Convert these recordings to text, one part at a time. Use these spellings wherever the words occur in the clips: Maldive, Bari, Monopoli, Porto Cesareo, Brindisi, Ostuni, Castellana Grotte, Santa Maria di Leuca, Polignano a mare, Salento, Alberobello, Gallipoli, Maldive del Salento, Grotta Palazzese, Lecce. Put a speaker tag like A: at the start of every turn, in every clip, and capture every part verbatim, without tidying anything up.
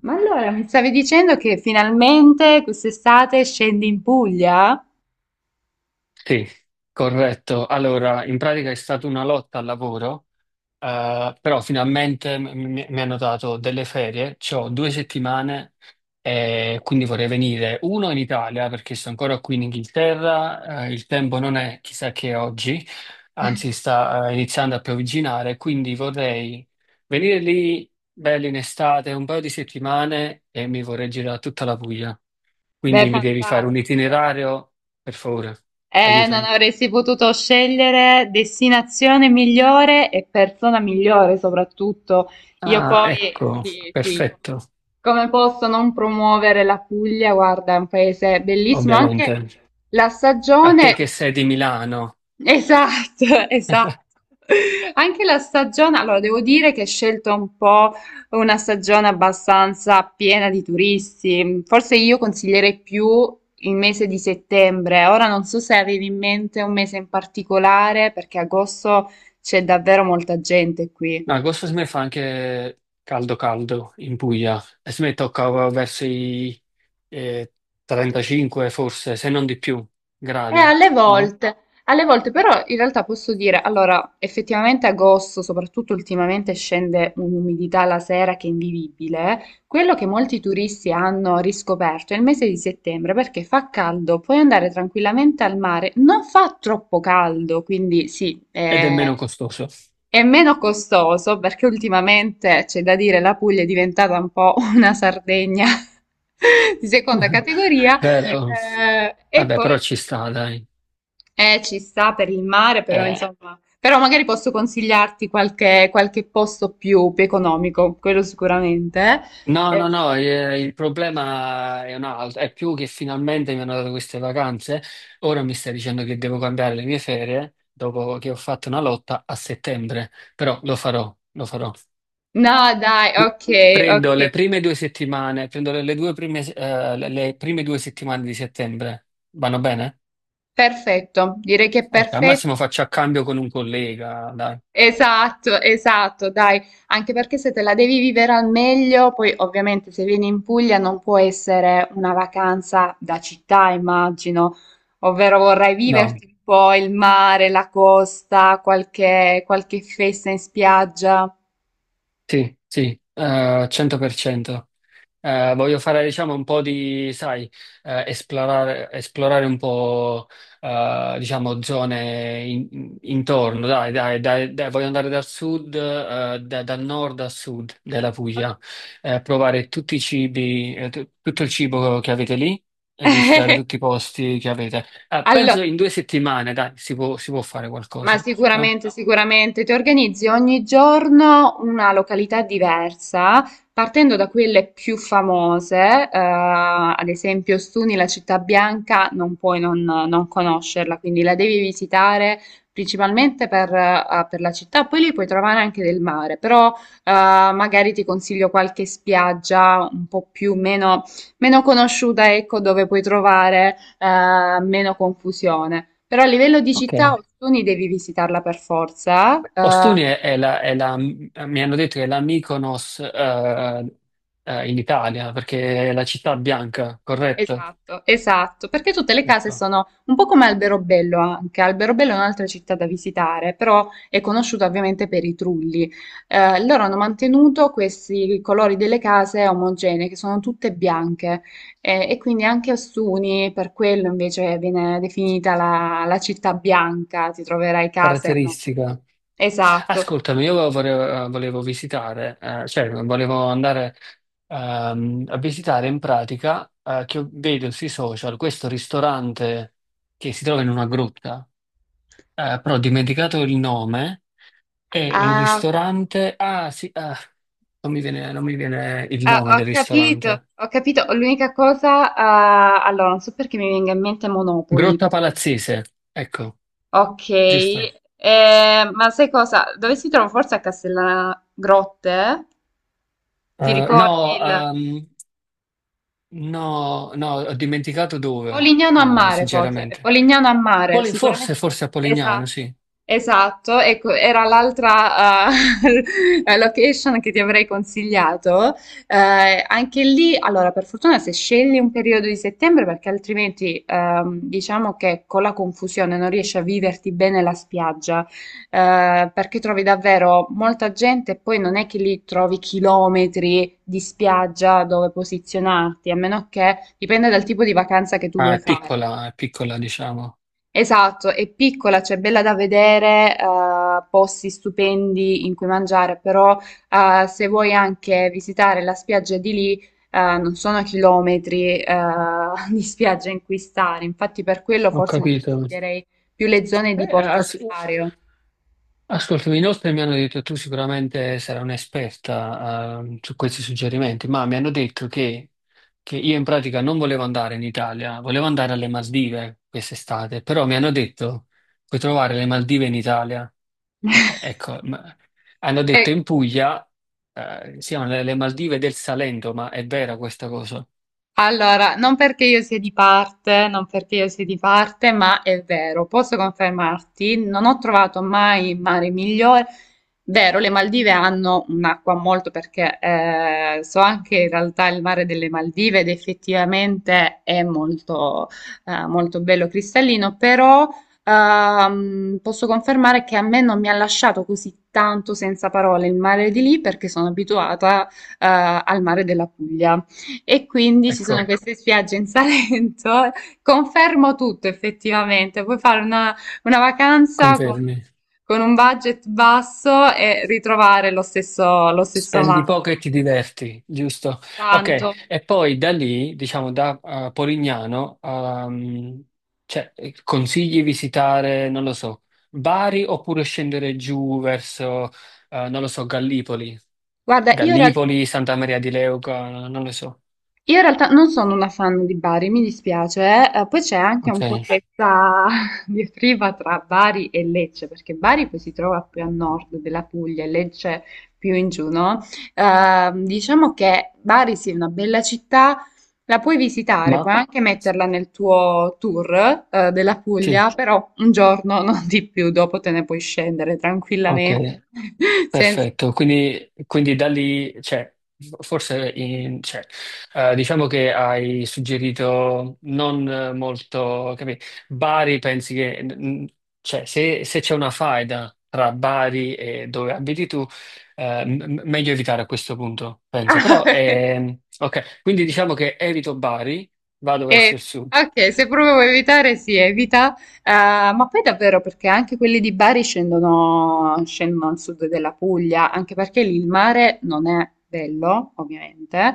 A: Ma allora mi stavi dicendo che finalmente quest'estate scendi in Puglia?
B: Sì, corretto. Allora, in pratica è stata una lotta al lavoro eh, però finalmente m- mi, mi hanno dato delle ferie, ho due settimane e quindi vorrei venire uno in Italia perché sono ancora qui in Inghilterra, eh, il tempo non è chissà che oggi, anzi sta eh, iniziando a piovigginare, quindi vorrei venire lì belli in estate un paio di settimane e mi vorrei girare tutta la Puglia.
A: Beh,
B: Quindi mi devi fare un
A: fantastico.
B: itinerario, per favore,
A: Eh, non
B: aiutami.
A: avresti potuto scegliere destinazione migliore e persona migliore soprattutto. Io
B: Ah,
A: poi,
B: ecco,
A: sì, sì,
B: perfetto,
A: come posso non promuovere la Puglia? Guarda, è un paese bellissimo, anche
B: ovviamente.
A: la
B: A te che
A: stagione.
B: sei di Milano,
A: Esatto, esatto. Anche la stagione, allora devo dire che è scelta un po' una stagione abbastanza piena di turisti. Forse io consiglierei più il mese di settembre. Ora non so se avevi in mente un mese in particolare, perché agosto c'è davvero molta gente qui.
B: no, agosto si me fa anche caldo caldo in Puglia e si me tocca verso i eh, trentacinque forse, se non di più,
A: Eh,
B: gradi,
A: alle
B: no?
A: volte, alle volte però in realtà posso dire, allora, effettivamente agosto, soprattutto ultimamente, scende un'umidità la sera che è invivibile. Quello che molti turisti hanno riscoperto è il mese di settembre perché fa caldo, puoi andare tranquillamente al mare, non fa troppo caldo, quindi sì,
B: Ed è
A: è,
B: meno costoso.
A: è meno costoso perché ultimamente c'è da dire la Puglia è diventata un po' una Sardegna di seconda categoria.
B: Vero?
A: Eh, e
B: Vabbè, però
A: poi
B: ci sta, dai.
A: eh, ci sta per il mare, però
B: Eh,
A: insomma, però magari posso consigliarti qualche, qualche posto più, più economico, quello sicuramente.
B: no, no,
A: Eh,
B: no, eh, il problema è un altro, è più che finalmente mi hanno dato queste vacanze, ora mi stai dicendo che devo cambiare le mie ferie dopo che ho fatto una lotta a settembre, però lo farò, lo farò.
A: no, dai, ok,
B: Prendo
A: ok,
B: le prime due settimane, prendo le, le due prime, eh, le le prime due settimane di settembre. Vanno bene?
A: perfetto, direi che è
B: Ok, al
A: perfetto.
B: massimo faccio a cambio con un collega, dai.
A: Esatto, esatto, dai, anche perché se te la devi vivere al meglio, poi ovviamente se vieni in Puglia non può essere una vacanza da città, immagino, ovvero vorrai
B: No,
A: viverti un po' il mare, la costa, qualche, qualche festa in spiaggia.
B: sì, sì, eh, cento per cento. Eh, voglio fare, diciamo, un po' di, sai, eh, esplorare, esplorare un po', eh, diciamo, zone in- intorno. Dai, dai, dai, dai, voglio andare dal sud, eh, da- dal nord al sud della
A: Ok.
B: Puglia, eh, provare tutti i cibi, eh, tu- tutto il cibo che avete lì e visitare tutti i posti che avete. Eh,
A: Allora.
B: penso in due settimane, dai, si può, si può fare
A: Ma
B: qualcosa, no?
A: sicuramente, sicuramente ti organizzi ogni giorno una località diversa, partendo da quelle più famose, eh, ad esempio Ostuni, la città bianca, non puoi non, non conoscerla, quindi la devi visitare principalmente per, eh, per la città, poi lì puoi trovare anche del mare, però eh, magari ti consiglio qualche spiaggia un po' più meno, meno conosciuta, ecco, dove puoi trovare eh, meno confusione. Però a livello di
B: Ok.
A: città, Ostuni devi visitarla per forza.
B: Ostuni
A: Eh,
B: è, è la, è la- mi hanno detto che è la Mykonos eh, eh, in Italia, perché è la città bianca, corretto?
A: esatto, esatto, perché tutte le case
B: Ecco,
A: sono un po' come Alberobello anche. Alberobello è un'altra città da visitare, però è conosciuta ovviamente per i trulli. Eh, loro hanno mantenuto questi colori delle case omogenee, che sono tutte bianche, eh, e quindi anche Ostuni, per quello invece viene definita la, la città bianca, ti troverai case, no?
B: caratteristica.
A: Esatto.
B: Ascoltami, io volevo, volevo visitare, eh, cioè volevo andare ehm, a visitare in pratica, eh, che vedo sui social, questo ristorante che si trova in una grotta, eh, però ho dimenticato il nome. È un
A: Ah,
B: ristorante. Ah, sì, ah, non mi viene, non mi viene il
A: ah,
B: nome
A: ho
B: del
A: capito,
B: ristorante.
A: ho capito. L'unica cosa, ah, allora, non so perché mi venga in mente Monopoli.
B: Grotta Palazzese, ecco,
A: Ok,
B: giusto.
A: eh, ma sai cosa? Dove si trova? Forse a Castellana Grotte? Ti
B: Eh,
A: ricordi
B: no,
A: il...
B: ehm, no, no, ho dimenticato dove,
A: Polignano a
B: eh,
A: mare, forse.
B: sinceramente.
A: Polignano a mare,
B: Poli-
A: sicuramente.
B: forse, forse a Polignano,
A: Esatto,
B: sì.
A: esatto. Ecco, era l'altra eh, location che ti avrei consigliato. Eh, anche lì, allora, per fortuna se scegli un periodo di settembre, perché altrimenti ehm, diciamo che con la confusione non riesci a viverti bene la spiaggia eh, perché trovi davvero molta gente e poi non è che lì trovi chilometri di spiaggia dove posizionarti, a meno che dipende dal tipo di vacanza che tu
B: Ah,
A: vuoi
B: è
A: fare.
B: piccola, è piccola, diciamo.
A: Esatto, è piccola, cioè bella da vedere, eh, posti stupendi in cui mangiare, però eh, se vuoi anche visitare la spiaggia di lì, eh, non sono chilometri eh, di spiaggia in cui stare, infatti per quello
B: Ho
A: forse
B: capito.
A: consiglierei più le zone di
B: Eh,
A: Porto
B: ah, sì.
A: Cesareo.
B: Ascoltami, inoltre mi hanno detto tu sicuramente sarai un'esperta eh, su questi suggerimenti, ma mi hanno detto che, che io in pratica non volevo andare in Italia, volevo andare alle Maldive quest'estate, però mi hanno detto puoi trovare le Maldive in Italia. E- e- ecco, ma- hanno
A: Eh,
B: detto in Puglia eh, siano le, le Maldive del Salento, ma è vera questa cosa?
A: allora, non perché io sia di parte, non perché io sia di parte, ma è vero, posso confermarti, non ho trovato mai mare migliore. Vero, le Maldive hanno un'acqua molto perché eh, so anche in realtà il mare delle Maldive ed effettivamente è molto, eh, molto bello cristallino, però ehm, posso confermare che a me non mi ha lasciato così tanto senza parole il mare di lì perché sono abituata eh, al mare della Puglia. E quindi ci sono
B: Ecco,
A: queste spiagge in Salento. Confermo tutto effettivamente. Puoi fare una, una vacanza con,
B: confermi.
A: con un budget basso e ritrovare lo stesso, lo stesso
B: Spendi
A: mare.
B: poco e ti diverti, giusto? Ok,
A: Tanto.
B: e poi da lì, diciamo da eh, Polignano, ehm, cioè, eh, consigli visitare, non lo so, Bari oppure scendere giù verso, eh, non lo so, Gallipoli,
A: Guarda, io in realtà
B: Gallipoli, Santa Maria di Leuca, non lo so.
A: io in realtà non sono una fan di Bari, mi dispiace, eh. Eh, poi c'è anche
B: Ok,
A: un po' questa diatriba tra Bari e Lecce, perché Bari poi si trova più a nord della Puglia e Lecce più in giù, no? Ehm, diciamo che Bari sì, è una bella città, la puoi visitare,
B: ma
A: puoi anche metterla nel tuo tour, eh, della
B: sì,
A: Puglia, però un giorno, non di più, dopo te ne puoi scendere tranquillamente,
B: ok.
A: senza...
B: Perfetto, quindi, quindi da lì, cioè, forse in- cioè, eh, diciamo che hai suggerito non eh, molto, capì? Bari, pensi che, mm, cioè, se, se c'è una faida tra Bari e dove abiti tu, eh, m- m- meglio evitare a questo punto, penso. Però, ehm, ok, quindi diciamo che evito Bari, vado verso
A: Eh,
B: il sud.
A: ok, se proprio vuoi evitare, si evita. Eh, ma poi davvero perché anche quelli di Bari scendono, scendono al sud della Puglia, anche perché lì il mare non è bello, ovviamente.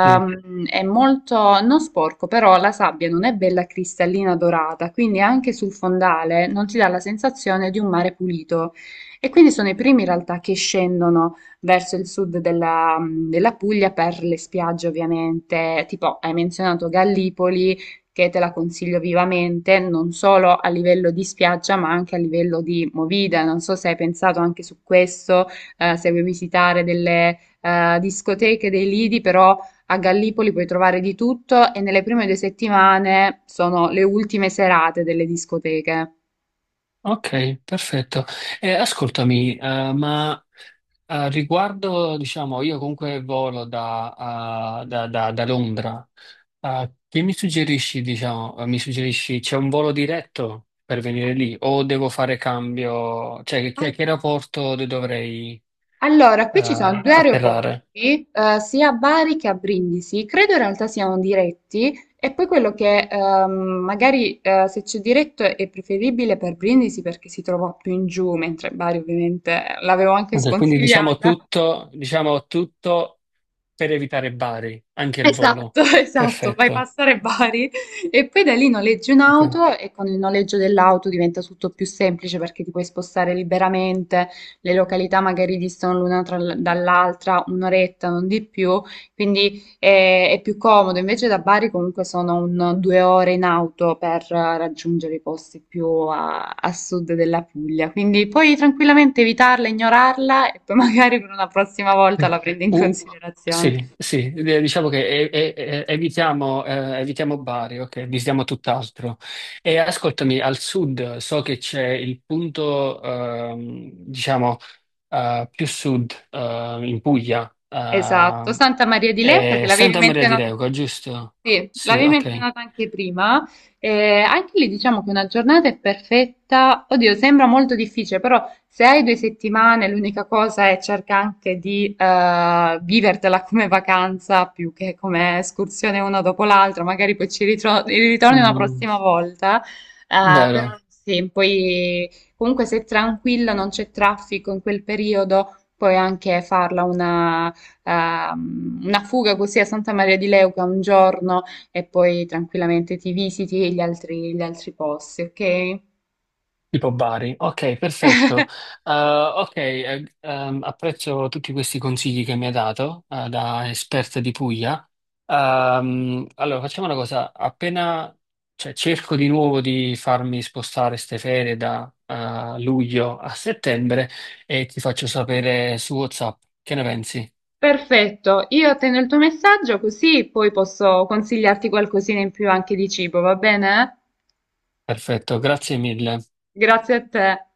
B: Sì.
A: È molto, non sporco, però la sabbia non è bella cristallina dorata, quindi anche sul fondale non ti dà la sensazione di un mare pulito. E quindi sono i primi in realtà che scendono verso il sud della, della Puglia per le spiagge ovviamente. Tipo, hai menzionato Gallipoli, che te la consiglio vivamente, non solo a livello di spiaggia, ma anche a livello di movida. Non so se hai pensato anche su questo, eh, se vuoi visitare delle eh, discoteche, dei lidi, però... A Gallipoli puoi trovare di tutto e nelle prime due settimane sono le ultime serate delle discoteche.
B: Ok, perfetto. Eh, ascoltami, eh, ma... Eh, riguardo, diciamo, io comunque volo da, ah, da- da- da Londra. Ah, che mi suggerisci, diciamo, eh, mi suggerisci c'è un volo diretto per venire lì o devo fare cambio? Cioè, che, che aeroporto de- dovrei,
A: Allora, qui ci
B: eh,
A: sono due aeroporti,
B: atterrare?
A: eh, sia a Bari che a Brindisi. Credo in realtà siano diretti e poi quello che ehm, magari eh, se c'è diretto è preferibile per Brindisi perché si trova più in giù, mentre Bari ovviamente l'avevo anche
B: Ok, quindi diciamo
A: sconsigliata.
B: tutto, diciamo tutto per evitare Bari, anche il volo.
A: Esatto, esatto, vai
B: Perfetto.
A: passare Bari e poi da lì noleggi
B: Ok.
A: un'auto e con il noleggio dell'auto diventa tutto più semplice perché ti puoi spostare liberamente, le località magari distano l'una tra l- dall'altra un'oretta, non di più, quindi eh, è, più comodo. Invece da Bari comunque sono un, due ore in auto per eh, raggiungere i posti più a, a sud della Puglia, quindi puoi tranquillamente evitarla, ignorarla e poi magari per una prossima
B: Mm.
A: volta la prendi in
B: Uh,
A: considerazione.
B: sì, sì, eh, diciamo che e- e- e- evitiamo, eh, evitiamo Bari, ok, evitiamo tutt'altro. E ascoltami, al sud so che c'è il punto, ehm, diciamo, eh, più sud, eh, in Puglia,
A: Esatto,
B: ehm,
A: Santa Maria di Leu
B: è
A: perché l'avevi
B: Santa Maria di
A: menzionata,
B: Leuca, giusto?
A: sì,
B: Sì,
A: l'avevi
B: ok.
A: menzionata anche prima. Eh, anche lì diciamo che una giornata è perfetta. Oddio, sembra molto difficile, però se hai due settimane, l'unica cosa è cerca anche di eh, vivertela come vacanza più che come escursione una dopo l'altra. Magari poi ci ritro- ritorni una
B: Mm,
A: prossima volta. Eh, però
B: vero.
A: sì, poi comunque se è tranquilla, non c'è traffico in quel periodo puoi anche farla una ehm, una fuga così a Santa Maria di Leuca un giorno e poi tranquillamente ti visiti gli altri, gli altri posti, ok?
B: Tipo Bari, ok, perfetto. Eh, ok, eh, ehm, apprezzo tutti questi consigli che mi ha dato, eh, da esperta di Puglia. Ehm, allora, facciamo una cosa, appena, cioè, cerco di nuovo di farmi spostare ste ferie da, eh, luglio a settembre e ti faccio sapere su WhatsApp. Che ne pensi?
A: Perfetto, io attendo il tuo messaggio così poi posso consigliarti qualcosina in più anche di cibo, va bene?
B: Perfetto, grazie mille.
A: Grazie a te.